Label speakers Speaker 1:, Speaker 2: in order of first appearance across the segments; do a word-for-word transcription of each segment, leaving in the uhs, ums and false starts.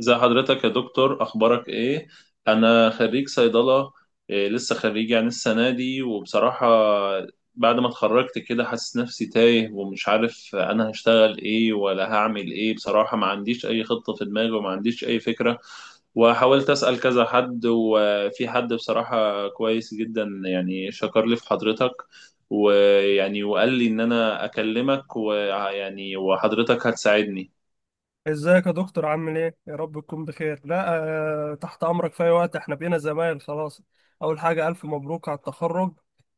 Speaker 1: ازي حضرتك يا دكتور، اخبارك ايه؟ انا خريج صيدله. إيه، لسه خريج يعني السنه دي. وبصراحه، بعد ما اتخرجت كده حاسس نفسي تايه، ومش عارف انا هشتغل ايه ولا هعمل ايه. بصراحه ما عنديش اي خطه في دماغي، وما عنديش اي فكره. وحاولت اسال كذا حد، وفي حد بصراحه كويس جدا، يعني شكر لي في حضرتك، ويعني وقال لي ان انا اكلمك، ويعني وحضرتك هتساعدني.
Speaker 2: ازيك يا دكتور؟ عامل ايه؟ يا رب تكون بخير. لا، آه، تحت امرك في اي وقت. احنا بقينا زمايل خلاص. اول حاجة الف مبروك على التخرج.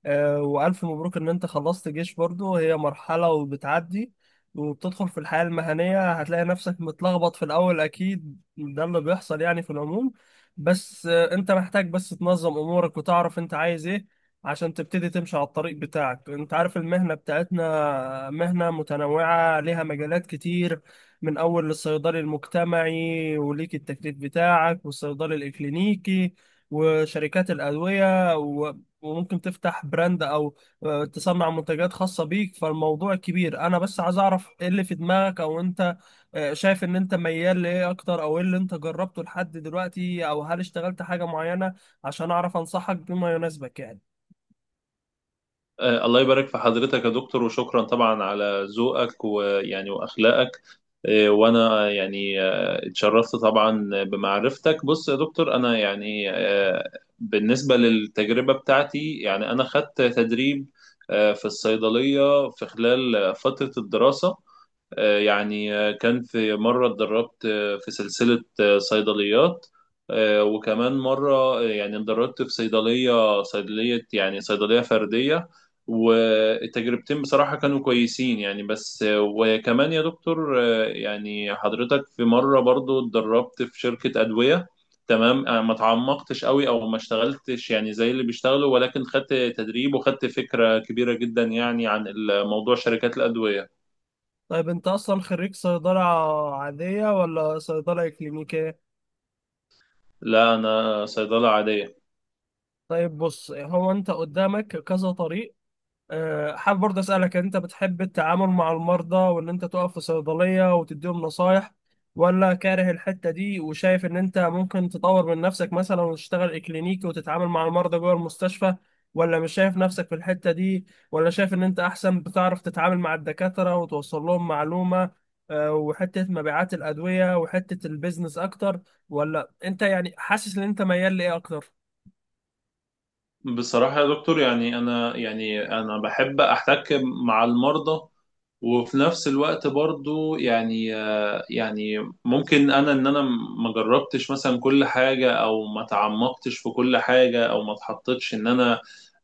Speaker 2: آه، والف مبروك ان انت خلصت جيش برضو، هي مرحلة وبتعدي وبتدخل في الحياة المهنية. هتلاقي نفسك متلخبط في الاول، اكيد ده اللي بيحصل يعني في العموم. بس آه انت محتاج بس تنظم امورك وتعرف انت عايز ايه عشان تبتدي تمشي على الطريق بتاعك. انت عارف المهنة بتاعتنا مهنة متنوعة ليها مجالات كتير، من أول الصيدلي المجتمعي وليك التكليف بتاعك، والصيدلي الإكلينيكي، وشركات الأدوية، و- وممكن تفتح براند، أو آه، تصنع منتجات خاصة بيك. فالموضوع كبير، أنا بس عايز أعرف إيه اللي في دماغك، أو أنت آه، شايف إن أنت ميال لإيه أكتر، أو إيه اللي أنت جربته لحد دلوقتي، أو هل اشتغلت حاجة معينة عشان أعرف أنصحك بما يناسبك يعني.
Speaker 1: آه، الله يبارك في حضرتك يا دكتور، وشكرا طبعا على ذوقك، ويعني واخلاقك. آه، وانا يعني آه، اتشرفت طبعا بمعرفتك. بص يا دكتور، انا يعني آه، بالنسبه للتجربه بتاعتي، يعني انا خدت تدريب آه، في الصيدليه في خلال فتره الدراسه. آه، يعني آه، كان في مرة اتدربت آه، في سلسلة آه، صيدليات. آه، وكمان مرة آه، يعني اتدربت في صيدلية، صيدلية يعني صيدلية فردية. والتجربتين بصراحة كانوا كويسين يعني. بس آه، وكمان يا دكتور آه، يعني حضرتك، في مرة برضو اتدربت في شركة أدوية. تمام. آه، ما تعمقتش قوي، او ما اشتغلتش يعني زي اللي بيشتغلوا، ولكن خدت تدريب، وخدت فكرة كبيرة جدا يعني عن الموضوع، شركات الأدوية.
Speaker 2: طيب، أنت أصلا خريج صيدلة عادية ولا صيدلة إكلينيكية؟
Speaker 1: لا، انا صيدله عاديه.
Speaker 2: طيب بص، هو انت قدامك كذا طريق. آه، حابب برضه اسالك، انت بتحب التعامل مع المرضى وان انت تقف في صيدليه وتديهم نصايح، ولا كاره الحته دي وشايف ان انت ممكن تطور من نفسك مثلا وتشتغل كلينيكي وتتعامل مع المرضى جوه المستشفى، ولا مش شايف نفسك في الحته دي، ولا شايف ان انت احسن بتعرف تتعامل مع الدكاتره وتوصل لهم معلومه، آه، وحته مبيعات الادويه وحته البيزنس اكتر؟ ولا انت يعني حاسس ان انت ميال لايه اكتر؟
Speaker 1: بصراحة يا دكتور يعني أنا، يعني أنا بحب أحتك مع المرضى. وفي نفس الوقت برضو يعني آه، يعني ممكن أنا، إن أنا ما جربتش مثلا كل حاجة، أو ما تعمقتش في كل حاجة، أو ما اتحطتش إن أنا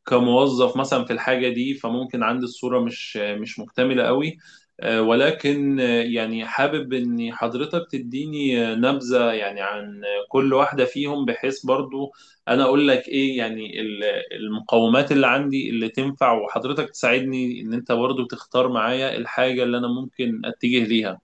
Speaker 1: كموظف مثلا في الحاجة دي. فممكن عندي الصورة مش مش مكتملة قوي. آه، ولكن آه، يعني حابب إن حضرتك تديني آه، نبذة يعني عن كل واحدة فيهم، بحيث برضو انا اقول لك ايه يعني المقومات اللي عندي اللي تنفع، وحضرتك تساعدني ان انت برضو تختار معايا الحاجة اللي انا ممكن اتجه ليها.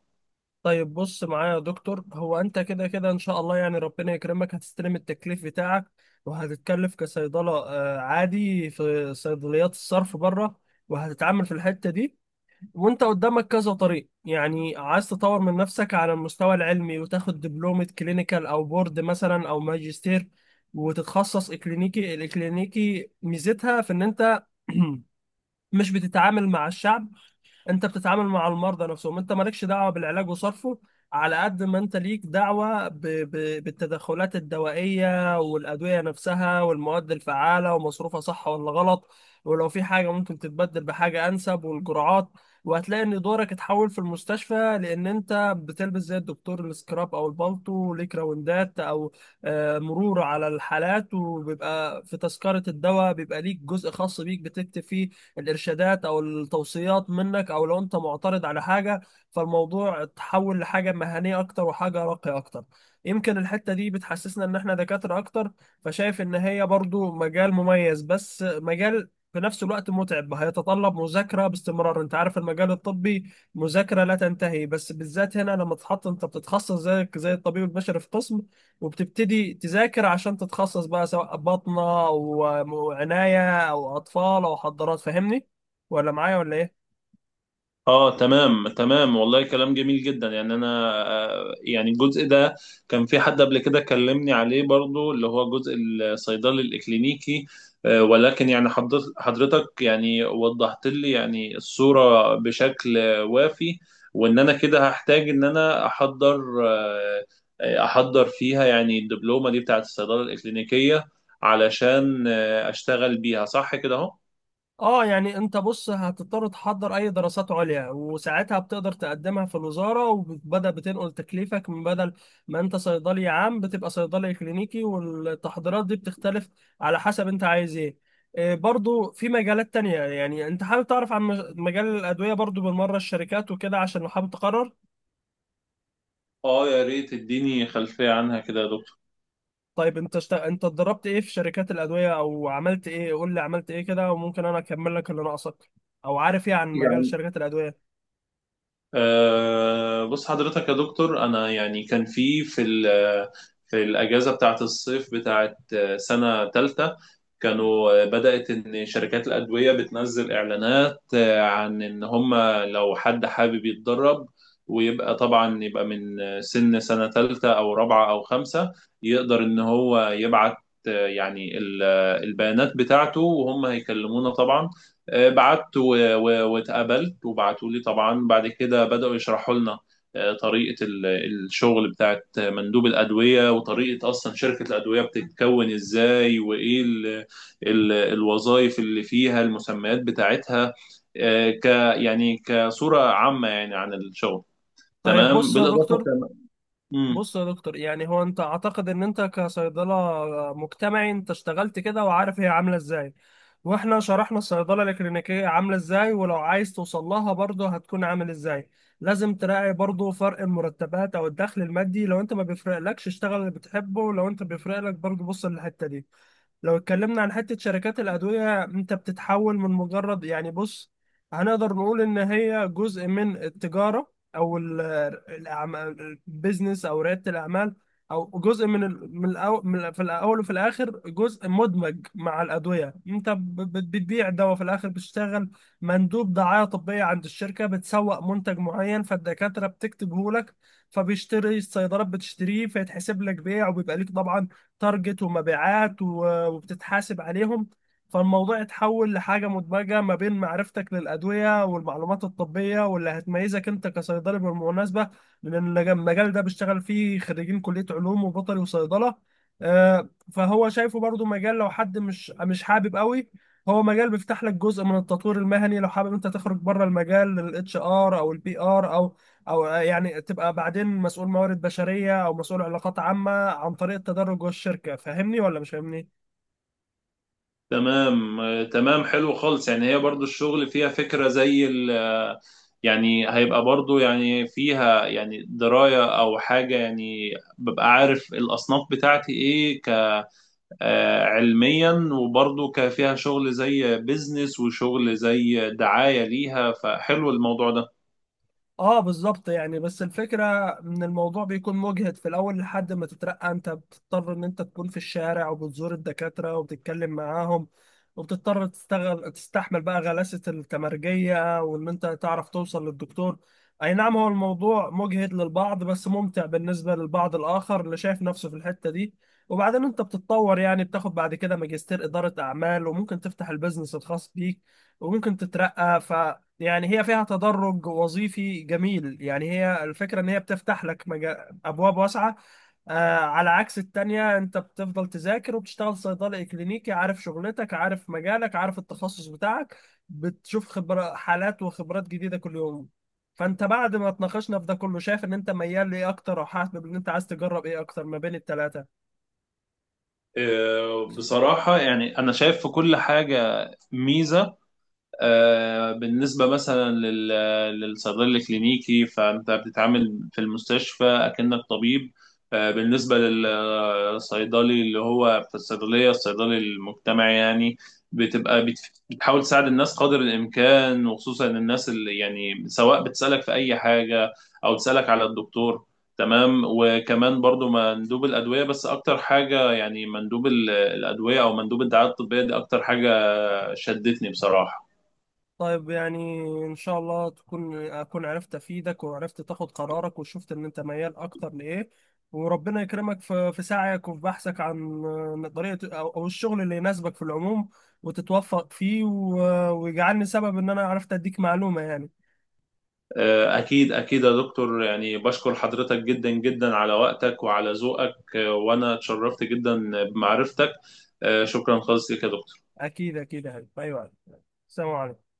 Speaker 2: طيب بص معايا يا دكتور، هو انت كده كده ان شاء الله يعني ربنا يكرمك هتستلم التكليف بتاعك، وهتتكلف كصيدلة آه، عادي في صيدليات الصرف بره، وهتتعامل في الحتة دي. وانت قدامك كذا طريق، يعني عايز تطور من نفسك على المستوى العلمي وتاخد دبلومة كلينيكال او بورد مثلا او ماجستير وتتخصص اكلينيكي. الاكلينيكي ميزتها في ان انت مش بتتعامل مع الشعب، انت بتتعامل مع المرضى نفسهم. انت مالكش دعوه بالعلاج وصرفه، على قد ما انت ليك دعوه ب... ب... بالتدخلات الدوائيه والادويه نفسها والمواد الفعاله ومصروفها، صح ولا غلط، ولو في حاجه ممكن تتبدل بحاجه انسب، والجرعات. وهتلاقي ان دورك اتحول في المستشفى، لان انت بتلبس زي الدكتور السكراب او البالطو، وليك راوندات او آه، مرور على الحالات، وبيبقى في تذكره الدواء بيبقى ليك جزء خاص بيك بتكتب فيه الارشادات او التوصيات منك، او لو انت معترض على حاجه. فالموضوع اتحول لحاجه مهنيه اكتر وحاجه راقيه اكتر. يمكن الحته دي بتحسسنا ان احنا دكاتره اكتر. فشايف ان هي برضو مجال مميز، بس مجال في نفس الوقت متعب، هيتطلب مذاكرة باستمرار. انت عارف المجال الطبي مذاكرة لا تنتهي، بس بالذات هنا لما تتحط انت بتتخصص زيك زي الطبيب البشري في قسم، وبتبتدي تذاكر عشان تتخصص بقى، سواء باطنة أو م- عناية أو أطفال أو حضارات. فاهمني ولا معايا ولا إيه؟
Speaker 1: اه، تمام تمام، والله كلام جميل جدا. يعني انا آه، يعني الجزء ده كان في حد قبل كده كلمني عليه برضو، اللي هو جزء الصيدلي الاكلينيكي. آه، ولكن يعني حضرت- حضرتك يعني وضحت لي يعني الصورة بشكل وافي. وان انا كده هحتاج ان انا احضر، آه، آه، احضر فيها يعني الدبلومة دي بتاعت الصيدلة الاكلينيكية، علشان آه، اشتغل بيها. صح كده اهو.
Speaker 2: آه، يعني أنت بص هتضطر تحضر أي دراسات عليا، وساعتها بتقدر تقدمها في الوزارة وبدأ بتنقل تكليفك، من بدل ما أنت صيدلي عام بتبقى صيدلي كلينيكي. والتحضيرات دي بتختلف على حسب أنت عايز إيه. إيه برضو في مجالات تانية، يعني أنت حابب تعرف عن مج- مجال الأدوية برضو بالمرة، الشركات وكده، عشان لو حابب تقرر؟
Speaker 1: اه، يا ريت تديني خلفية عنها كده يا دكتور.
Speaker 2: طيب انت شت... انت اتدربت ايه في شركات الادويه او عملت ايه؟ قول لي عملت ايه كده وممكن انا اكمل لك اللي ناقصك، او عارف ايه عن مجال شركات الادويه.
Speaker 1: أه، بص حضرتك يا دكتور، أنا يعني كان في في ال- في الأجازة بتاعة الصيف بتاعة آه، سنة تالتة، كانوا آه، بدأت إن شركات الأدوية بتنزل إعلانات آه، عن إن هم لو حد حابب يتدرب، ويبقى طبعا يبقى من آه، سن سنة تالتة أو رابعة أو خمسة، يقدر إن هو يبعت آه، يعني ال- آه، البيانات بتاعته، وهم هيكلمونا طبعا. آه، بعت و- و- واتقابلت، وبعتوا لي طبعا. بعد كده بدأوا يشرحوا لنا آه، طريقة ال- الشغل بتاعت مندوب الأدوية، وطريقة أصلا شركة الأدوية بتتكون إزاي، وإيه ال- ال- الوظائف اللي فيها، المسميات بتاعتها. آه، ك يعني كصورة عامة يعني عن الشغل.
Speaker 2: طيب
Speaker 1: تمام.
Speaker 2: بص يا
Speaker 1: بالإضافة
Speaker 2: دكتور
Speaker 1: كمان.
Speaker 2: بص يا دكتور، يعني هو انت اعتقد ان انت كصيدله مجتمعي انت اشتغلت كده وعارف هي عامله ازاي، واحنا شرحنا الصيدله الكلينيكيه عامله ازاي، ولو عايز توصل لها برضه هتكون عامل ازاي. لازم تراعي برضه فرق المرتبات او الدخل المادي. لو انت ما بيفرقلكش، اشتغل اللي بتحبه، لو انت بيفرقلك برضه بص للحته دي. لو اتكلمنا عن حتة شركات الأدوية، أنت بتتحول من مجرد يعني بص، هنقدر نقول إن هي جزء من التجارة أو ال- الأعمال، البيزنس أو ريادة الأعمال، أو جزء من ال- من الأو- من- ال- في الأول وفي الآخر جزء مدمج مع الأدوية. أنت ب- بت- بتبيع دواء في الآخر، بتشتغل مندوب دعاية طبية عند الشركة، بتسوق منتج معين فالدكاترة بتكتبه لك، فبيشتري الصيدلات بتشتريه، فيتحسب لك بيع، وبيبقى ليك طبعا تارجت ومبيعات و- وبتتحاسب عليهم. فالموضوع اتحول لحاجة مدمجة ما بين معرفتك للأدوية والمعلومات الطبية، واللي هتميزك أنت كصيدلي بالمناسبة، لأن المجال ده بيشتغل فيه خريجين كلية علوم وبيطري وصيدلة. آه، فهو شايفه برضو مجال، لو حد مش مش حابب قوي، هو مجال بيفتح لك جزء من التطوير المهني لو حابب انت تخرج بره المجال، للاتش ار او البي ار، او او يعني تبقى بعدين مسؤول موارد بشريه او مسؤول علاقات عامه عن طريق التدرج جوه الشركه. فاهمني ولا مش فاهمني؟
Speaker 1: تمام آه، تمام، حلو خالص. يعني هي برضو الشغل فيها فكرة زي ال آه، يعني هيبقى برضو يعني فيها يعني دراية أو حاجة. يعني ببقى عارف الأصناف بتاعتي إيه، ك آه، علميا، وبرضو ك- فيها شغل زي بيزنس، وشغل زي دعاية ليها. فحلو الموضوع ده.
Speaker 2: اه بالظبط، يعني بس الفكرة ان الموضوع بيكون مجهد في الاول لحد ما تترقى. انت بتضطر ان انت تكون في الشارع وبتزور الدكاترة وبتتكلم معاهم، وبتضطر تستغل تستحمل بقى غلاسة التمرجية، وان انت تعرف توصل للدكتور. اي نعم، هو الموضوع مجهد للبعض بس ممتع بالنسبة للبعض الاخر اللي شايف نفسه في الحتة دي. وبعدين انت بتتطور يعني، بتاخد بعد كده ماجستير ادارة اعمال، وممكن تفتح البيزنس الخاص بيك، وممكن تترقى. يعني هي فيها تدرج وظيفي جميل. يعني هي الفكرة ان هي بتفتح لك مجا... ابواب واسعة، آه، على عكس التانية انت بتفضل تذاكر وبتشتغل صيدلي كلينيكي، عارف شغلتك، عارف مجالك، عارف التخصص بتاعك، بتشوف خبرة حالات وخبرات جديدة كل يوم. فانت بعد ما اتناقشنا في ده كله، شايف ان انت ميال لايه اكتر، او حاسب ان انت عايز تجرب ايه اكتر ما بين التلاتة؟
Speaker 1: آه، بصراحة يعني أنا شايف في كل حاجة ميزة. آه، بالنسبة مثلا لل- للصيدلي الكلينيكي، فأنت بتتعامل في المستشفى أكنك طبيب. آه، بالنسبة للصيدلي اللي هو في الصيدلية، الصيدلي المجتمعي يعني، بتبقى بت- بتحاول تساعد الناس قدر الإمكان، وخصوصا الناس اللي يعني، سواء بتسألك في أي حاجة أو تسألك على الدكتور. تمام. وكمان برضو مندوب الأدوية. بس أكتر حاجة يعني مندوب ال- الأدوية، أو مندوب الدعاية الطبية دي، أكتر حاجة شدتني بصراحة.
Speaker 2: طيب، يعني ان شاء الله تكون اكون عرفت افيدك، وعرفت تاخد قرارك، وشفت ان انت ميال اكتر لايه. وربنا يكرمك في في سعيك وفي بحثك عن طريقة او أو الشغل اللي يناسبك في العموم، وتتوفق فيه، و- ويجعلني سبب ان انا عرفت اديك معلومة يعني.
Speaker 1: آه، أكيد أكيد يا دكتور، يعني بشكر حضرتك جدا جدا على وقتك وعلى ذوقك، وأنا اتشرفت جدا بمعرفتك. آه، شكرا خالص لك يا دكتور.
Speaker 2: اكيد اكيد يا حبيبي. ايوه، السلام عليكم.